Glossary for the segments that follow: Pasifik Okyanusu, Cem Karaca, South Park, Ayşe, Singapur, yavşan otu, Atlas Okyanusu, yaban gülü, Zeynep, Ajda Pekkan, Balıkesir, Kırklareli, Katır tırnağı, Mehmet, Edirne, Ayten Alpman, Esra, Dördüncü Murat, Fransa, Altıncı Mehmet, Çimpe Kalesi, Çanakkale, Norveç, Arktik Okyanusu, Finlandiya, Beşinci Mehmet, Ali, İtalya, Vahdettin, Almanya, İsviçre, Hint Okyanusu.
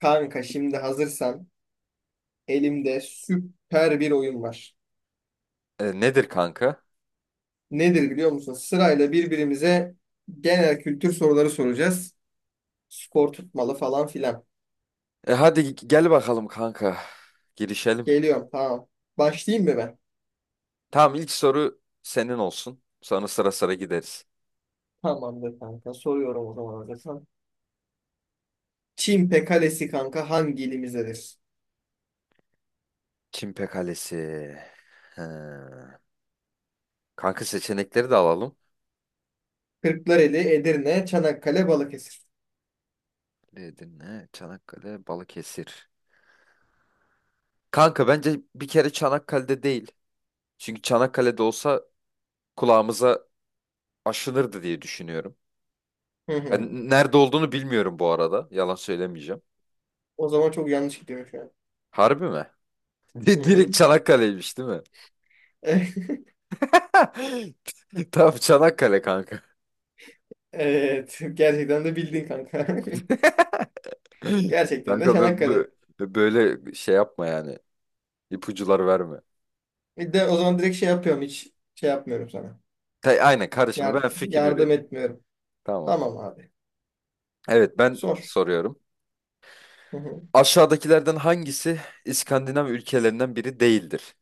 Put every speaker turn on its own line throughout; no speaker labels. Kanka şimdi hazırsan elimde süper bir oyun var.
Nedir kanka?
Nedir biliyor musun? Sırayla birbirimize genel kültür soruları soracağız. Skor tutmalı falan filan.
Hadi gel bakalım kanka. Girişelim.
Geliyorum tamam. Başlayayım mı ben?
Tamam, ilk soru senin olsun. Sonra sıra sıra gideriz.
Tamamdır kanka. Soruyorum o zaman hazırsan. Çimpe Kalesi kanka hangi ilimizdedir?
Çimpe Kalesi. He. Kanka seçenekleri de alalım.
Kırklareli, Edirne, Çanakkale, Balıkesir.
Edirne, Çanakkale, Balıkesir. Kanka bence bir kere Çanakkale'de değil. Çünkü Çanakkale'de olsa kulağımıza aşınırdı diye düşünüyorum.
Hı hı.
Ben nerede olduğunu bilmiyorum bu arada. Yalan söylemeyeceğim.
O zaman çok yanlış gidiyor şu an.
Harbi mi?
Hı hı.
Direkt Çanakkale'ymiş değil mi? Tam Çanakkale kanka.
Evet. Gerçekten de bildin kanka. Gerçekten
Kanka
de Çanakkale.
böyle şey yapma yani. İpucular verme.
Bir de o zaman direkt şey yapıyorum, hiç şey yapmıyorum sana.
Aynen, karışma,
Yar-
ben fikir
Yardım
üret.
etmiyorum.
Tamam.
Tamam abi.
Evet, ben
Sor.
soruyorum.
Hı hı,
Aşağıdakilerden hangisi İskandinav ülkelerinden biri değildir?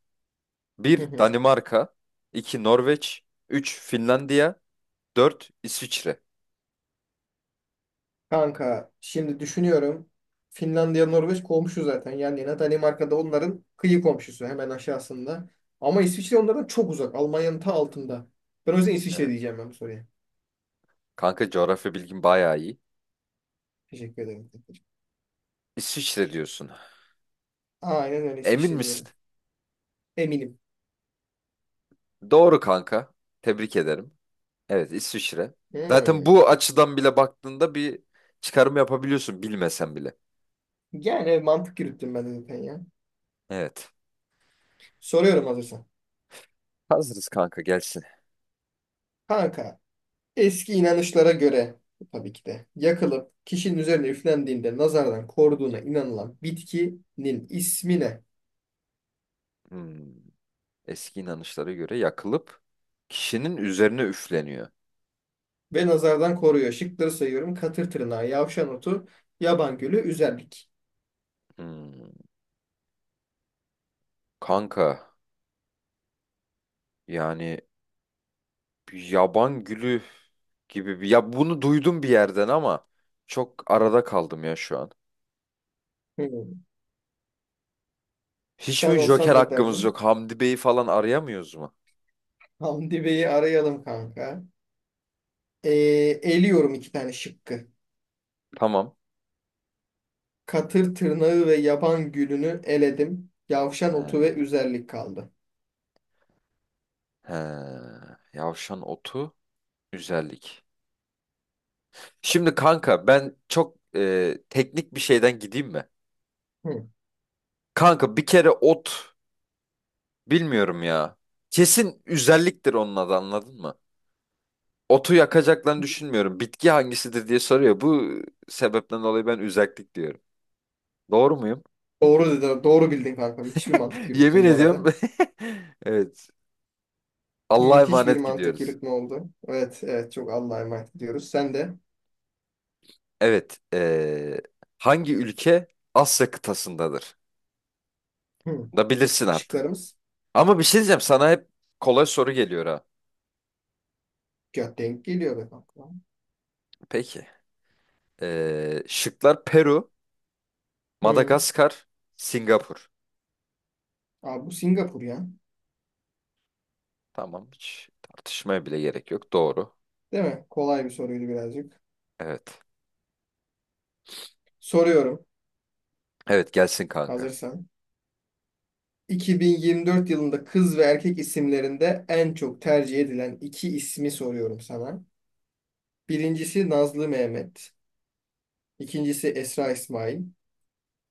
hı
Bir,
hı.
Danimarka. İki Norveç. Üç, Finlandiya. Dört, İsviçre.
Kanka şimdi düşünüyorum. Finlandiya Norveç komşu zaten. Yani yine Danimarka'da onların kıyı komşusu hemen aşağısında. Ama İsviçre onlardan çok uzak. Almanya'nın ta altında. Ben o yüzden İsviçre
Evet.
diyeceğim ben bu soruya.
Kanka, coğrafya bilgin bayağı iyi.
Teşekkür ederim.
İsviçre diyorsun.
Aynen öyle,
Emin
İsviçre
misin?
diyorum. Eminim.
Doğru kanka. Tebrik ederim. Evet, İsviçre. Zaten
Hmm.
bu açıdan bile baktığında bir çıkarım yapabiliyorsun, bilmesen bile.
Yani mantık yürüttüm ben de zaten ya.
Evet.
Soruyorum hazırsan.
Hazırız kanka, gelsin.
Kanka eski inanışlara göre tabii ki de yakılıp kişinin üzerine üflendiğinde nazardan koruduğuna inanılan bitkinin ismi ne?
Hmm. Eski inanışlara göre yakılıp kişinin üzerine üfleniyor.
Ve nazardan koruyor. Şıkları sayıyorum. Katır tırnağı, yavşan otu, yaban gülü, üzerlik.
Hmm. Kanka, yani bir yaban gülü gibi bir, ya bunu duydum bir yerden ama çok arada kaldım ya şu an.
Hmm.
Hiç
Sen
mi Joker
olsan ne
hakkımız
derdin?
yok? Hamdi Bey'i falan arayamıyoruz mu?
Hamdi Bey'i arayalım kanka. Ee, Eliyorum iki tane şıkkı.
Tamam.
Katır tırnağı ve yaban gülünü eledim. Yavşan otu ve
He,
üzerlik kaldı.
he. Yavşan otu, güzellik. Şimdi kanka ben çok teknik bir şeyden gideyim mi?
Hmm.
Kanka bir kere ot bilmiyorum ya. Kesin özelliktir onun adı, anladın mı? Otu yakacaklarını düşünmüyorum. Bitki hangisidir diye soruyor. Bu sebepten dolayı ben özellik diyorum. Doğru muyum?
Doğru dedin, doğru bildin kanka. Müthiş bir mantık
Yemin
yürüttün bu
ediyorum.
arada.
Evet. Allah'a
Müthiş bir
emanet
mantık
gidiyoruz.
yürütme oldu. Evet, evet, çok Allah'a emanet ediyoruz. Sen de
Evet. Hangi ülke Asya kıtasındadır?
hı,
Da bilirsin artık.
şıklarımız
Ama bir şey diyeceğim sana, hep kolay soru geliyor ha.
denk geliyor be kanka.
Peki. Şıklar: Peru,
Hı.
Madagaskar, Singapur.
Abi bu Singapur ya.
Tamam, hiç tartışmaya bile gerek yok. Doğru.
Değil mi? Kolay bir soruydu birazcık.
Evet.
Soruyorum
Evet, gelsin kanka.
hazırsan. 2024 yılında kız ve erkek isimlerinde en çok tercih edilen iki ismi soruyorum sana. Birincisi Nazlı Mehmet. İkincisi Esra İsmail.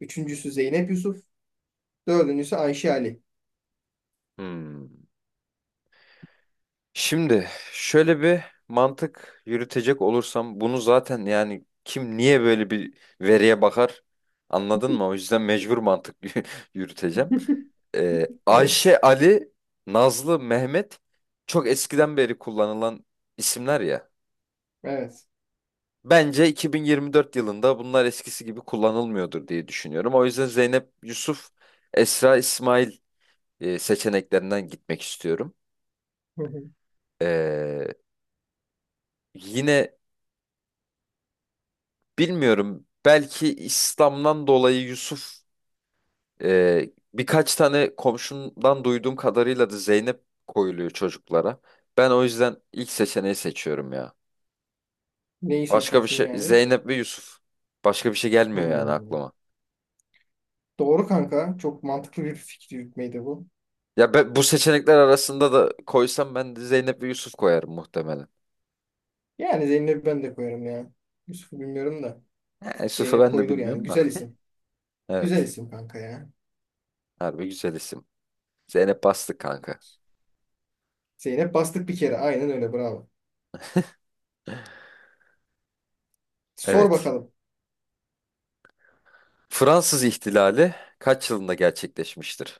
Üçüncüsü Zeynep Yusuf. Dördüncüsü Ayşe Ali.
Hmm. Şimdi şöyle bir mantık yürütecek olursam, bunu zaten yani kim niye böyle bir veriye bakar, anladın mı? O yüzden mecbur mantık yürüteceğim.
Evet.
Ayşe, Ali, Nazlı, Mehmet çok eskiden beri kullanılan isimler ya.
Evet.
Bence 2024 yılında bunlar eskisi gibi kullanılmıyordur diye düşünüyorum. O yüzden Zeynep Yusuf, Esra İsmail seçeneklerinden gitmek istiyorum.
Hı hı.
Ee, Yine bilmiyorum, belki İslam'dan dolayı Yusuf, birkaç tane komşumdan duyduğum kadarıyla da Zeynep koyuluyor çocuklara. Ben o yüzden ilk seçeneği seçiyorum ya.
Neyi
Başka bir
seçiyorsun
şey,
yani?
Zeynep ve Yusuf. Başka bir şey gelmiyor yani
Hmm.
aklıma.
Doğru kanka. Çok mantıklı bir fikir yürütmeydi bu.
Ya ben, bu seçenekler arasında da koysam, ben de Zeynep ve Yusuf koyarım muhtemelen.
Yani Zeynep'i ben de koyarım ya. Yusuf'u bilmiyorum da.
Ha, Yusuf'u
Zeynep
ben de
koyulur yani.
bilmiyorum da.
Güzel isim. Güzel
Evet.
isim kanka ya.
Harbi güzel isim. Zeynep bastık kanka.
Zeynep bastık bir kere. Aynen öyle. Bravo. Sor
Evet.
bakalım.
Fransız ihtilali kaç yılında gerçekleşmiştir?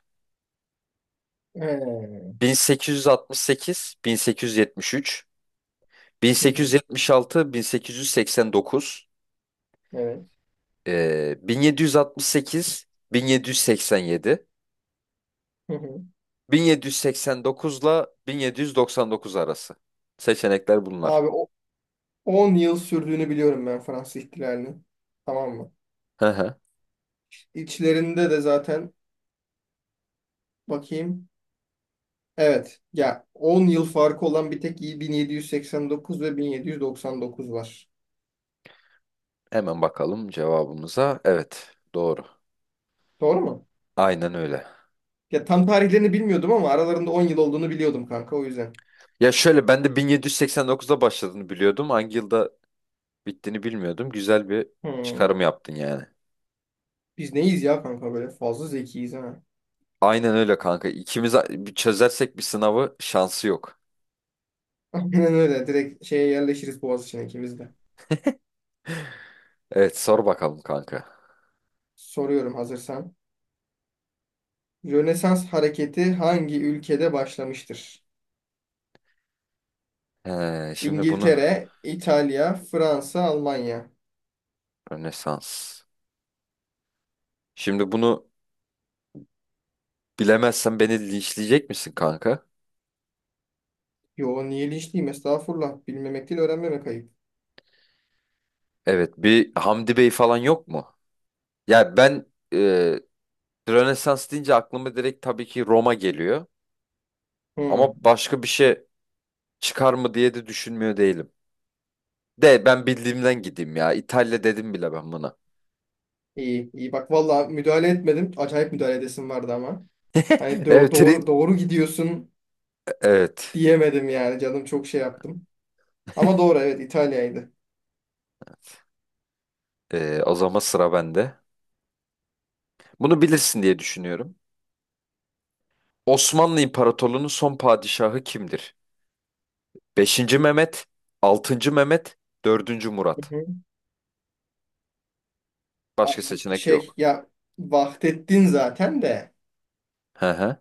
Ee,
1868, 1873,
hı hı.
1876, 1889,
Evet.
1768, 1787,
Hı hı.
1789 ile 1799 arası. Seçenekler bunlar.
Abi o 10 yıl sürdüğünü biliyorum ben Fransız ihtilalinin. Tamam mı? İçlerinde de zaten bakayım. Evet. Ya 10 yıl farkı olan bir tek 1789 ve 1799 var.
Hemen bakalım cevabımıza. Evet, doğru.
Doğru mu?
Aynen öyle.
Ya tam tarihlerini bilmiyordum ama aralarında 10 yıl olduğunu biliyordum kanka o yüzden.
Ya şöyle, ben de 1789'da başladığını biliyordum. Hangi yılda bittiğini bilmiyordum. Güzel bir
Hmm.
çıkarım yaptın yani.
Biz neyiz ya kanka, böyle fazla zekiyiz ha.
Aynen öyle kanka. İkimiz bir çözersek bir sınavı, şansı yok.
Aynen öyle, direkt şeye yerleşiriz Boğaziçi'ne ikimiz de.
Evet, sor bakalım kanka.
Soruyorum hazırsan. Rönesans hareketi hangi ülkede başlamıştır?
Şimdi bunu
İngiltere, İtalya, Fransa, Almanya.
Rönesans. Şimdi bunu bilemezsen beni linçleyecek misin kanka?
Yo niye linçliyim, estağfurullah. Bilmemek değil, öğrenmemek ayıp.
Evet, bir Hamdi Bey falan yok mu? Ya ben, e, Rönesans deyince aklıma direkt tabii ki Roma geliyor.
Hmm.
Ama başka bir şey çıkar mı diye de düşünmüyor değilim. De ben bildiğimden gideyim ya. İtalya dedim bile ben buna.
İyi iyi bak valla, müdahale etmedim. Acayip müdahale edesim vardı ama. Hani
Evet.
doğru doğru gidiyorsun
Evet.
diyemedim yani, canım çok şey yaptım. Ama doğru, evet, İtalya'ydı.
O zaman sıra bende. Bunu bilirsin diye düşünüyorum. Osmanlı İmparatorluğu'nun son padişahı kimdir? Beşinci Mehmet, 6. Mehmet, dördüncü
Hı
Murat.
hı. Aa,
Başka seçenek
şey
yok.
ya, Vahdettin zaten de
Hı hı.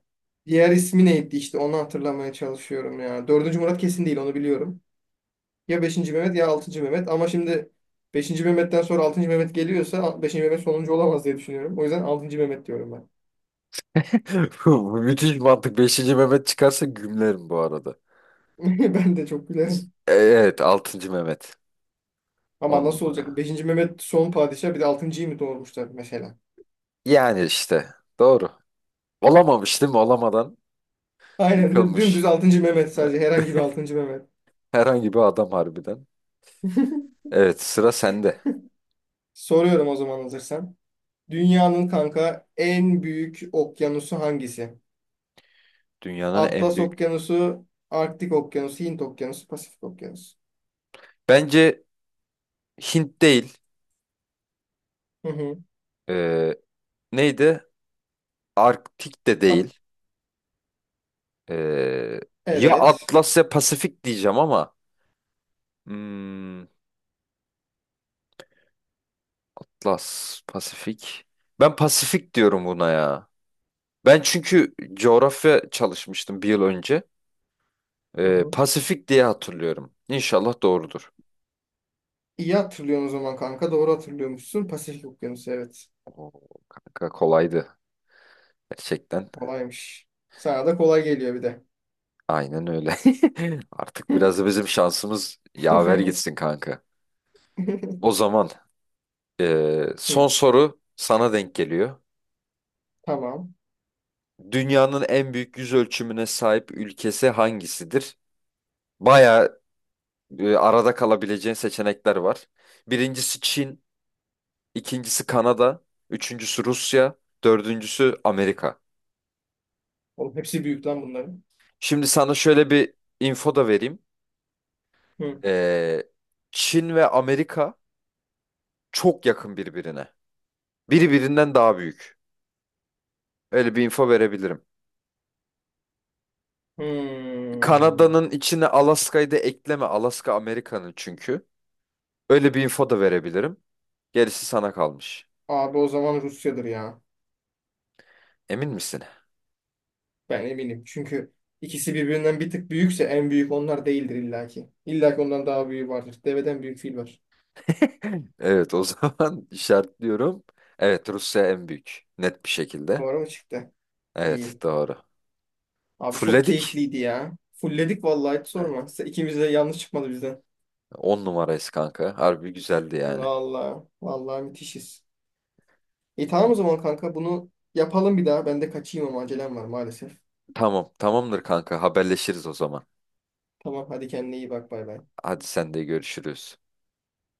diğer ismi neydi işte onu hatırlamaya çalışıyorum ya. Dördüncü Murat kesin değil, onu biliyorum. Ya beşinci Mehmet ya altıncı Mehmet, ama şimdi beşinci Mehmet'ten sonra altıncı Mehmet geliyorsa beşinci Mehmet sonuncu olamaz diye düşünüyorum. O yüzden altıncı Mehmet diyorum ben.
Bu müthiş mantık. Beşinci Mehmet çıkarsa gümlerim bu arada.
Ben de çok gülerim.
Evet, 6. Mehmet.
Ama
On
nasıl olacak?
numara.
Beşinci Mehmet son padişah bir de altıncıyı mı doğurmuşlar mesela?
Yani işte. Doğru. Olamamış değil mi? Olamadan
Aynen
yıkılmış.
dümdüz altıncı Mehmet,
Ee,
sadece herhangi bir altıncı Mehmet.
Herhangi bir adam harbiden. Evet, sıra sende.
Soruyorum o zaman hazırsan. Dünyanın kanka en büyük okyanusu hangisi?
Dünyanın en
Atlas
büyük.
Okyanusu, Arktik Okyanusu, Hint Okyanusu, Pasifik Okyanusu.
Bence Hint değil.
Hı hı.
Ee, Neydi? Arktik de
Pa-
değil. Ee, Ya
evet.
Atlas ya Pasifik diyeceğim ama. Hmm, Atlas, Pasifik. Ben Pasifik diyorum buna ya. Ben çünkü coğrafya çalışmıştım bir yıl önce.
Hı hı.
Pasifik diye hatırlıyorum. İnşallah doğrudur.
İyi hatırlıyorsun o zaman kanka. Doğru hatırlıyormuşsun. Pasifik Okyanusu, evet.
Oo, kanka kolaydı gerçekten.
Kolaymış. Sana da kolay geliyor bir de.
Aynen öyle. Artık biraz da bizim şansımız yaver gitsin kanka. O zaman son
Hı,
soru sana denk geliyor.
tamam.
Dünyanın en büyük yüz ölçümüne sahip ülkesi hangisidir? Baya arada kalabileceğin seçenekler var. Birincisi Çin, ikincisi Kanada, üçüncüsü Rusya, dördüncüsü Amerika.
Oğlum hepsi büyük lan bunların.
Şimdi sana şöyle bir info da vereyim.
Hı.
Eee, Çin ve Amerika çok yakın birbirine. Biri birinden daha büyük. Öyle bir info verebilirim.
Hmm.
Kanada'nın içine Alaska'yı da ekleme. Alaska Amerika'nın çünkü. Öyle bir info da verebilirim. Gerisi sana kalmış.
Abi o zaman Rusya'dır ya.
Emin misin?
Ben eminim. Çünkü ikisi birbirinden bir tık büyükse en büyük onlar değildir illaki. İllaki ondan daha büyüğü vardır. Deveden büyük fil var.
Evet, o zaman işaretliyorum. Evet, Rusya en büyük. Net bir şekilde.
Doğru mu çıktı?
Evet,
İyi.
doğru.
Abi çok
Fulledik.
keyifliydi ya. Fulledik vallahi, hiç sorma. İkimiz de yanlış çıkmadı bizden.
10 numarayız kanka. Harbi güzeldi yani.
Vallahi. Vallahi müthişiz. İyi, tamam o
İyi.
zaman kanka, bunu yapalım bir daha. Ben de kaçayım ama acelem var maalesef.
Tamam, tamamdır kanka, haberleşiriz o zaman.
Tamam hadi, kendine iyi bak, bay bay.
Hadi, sen de görüşürüz.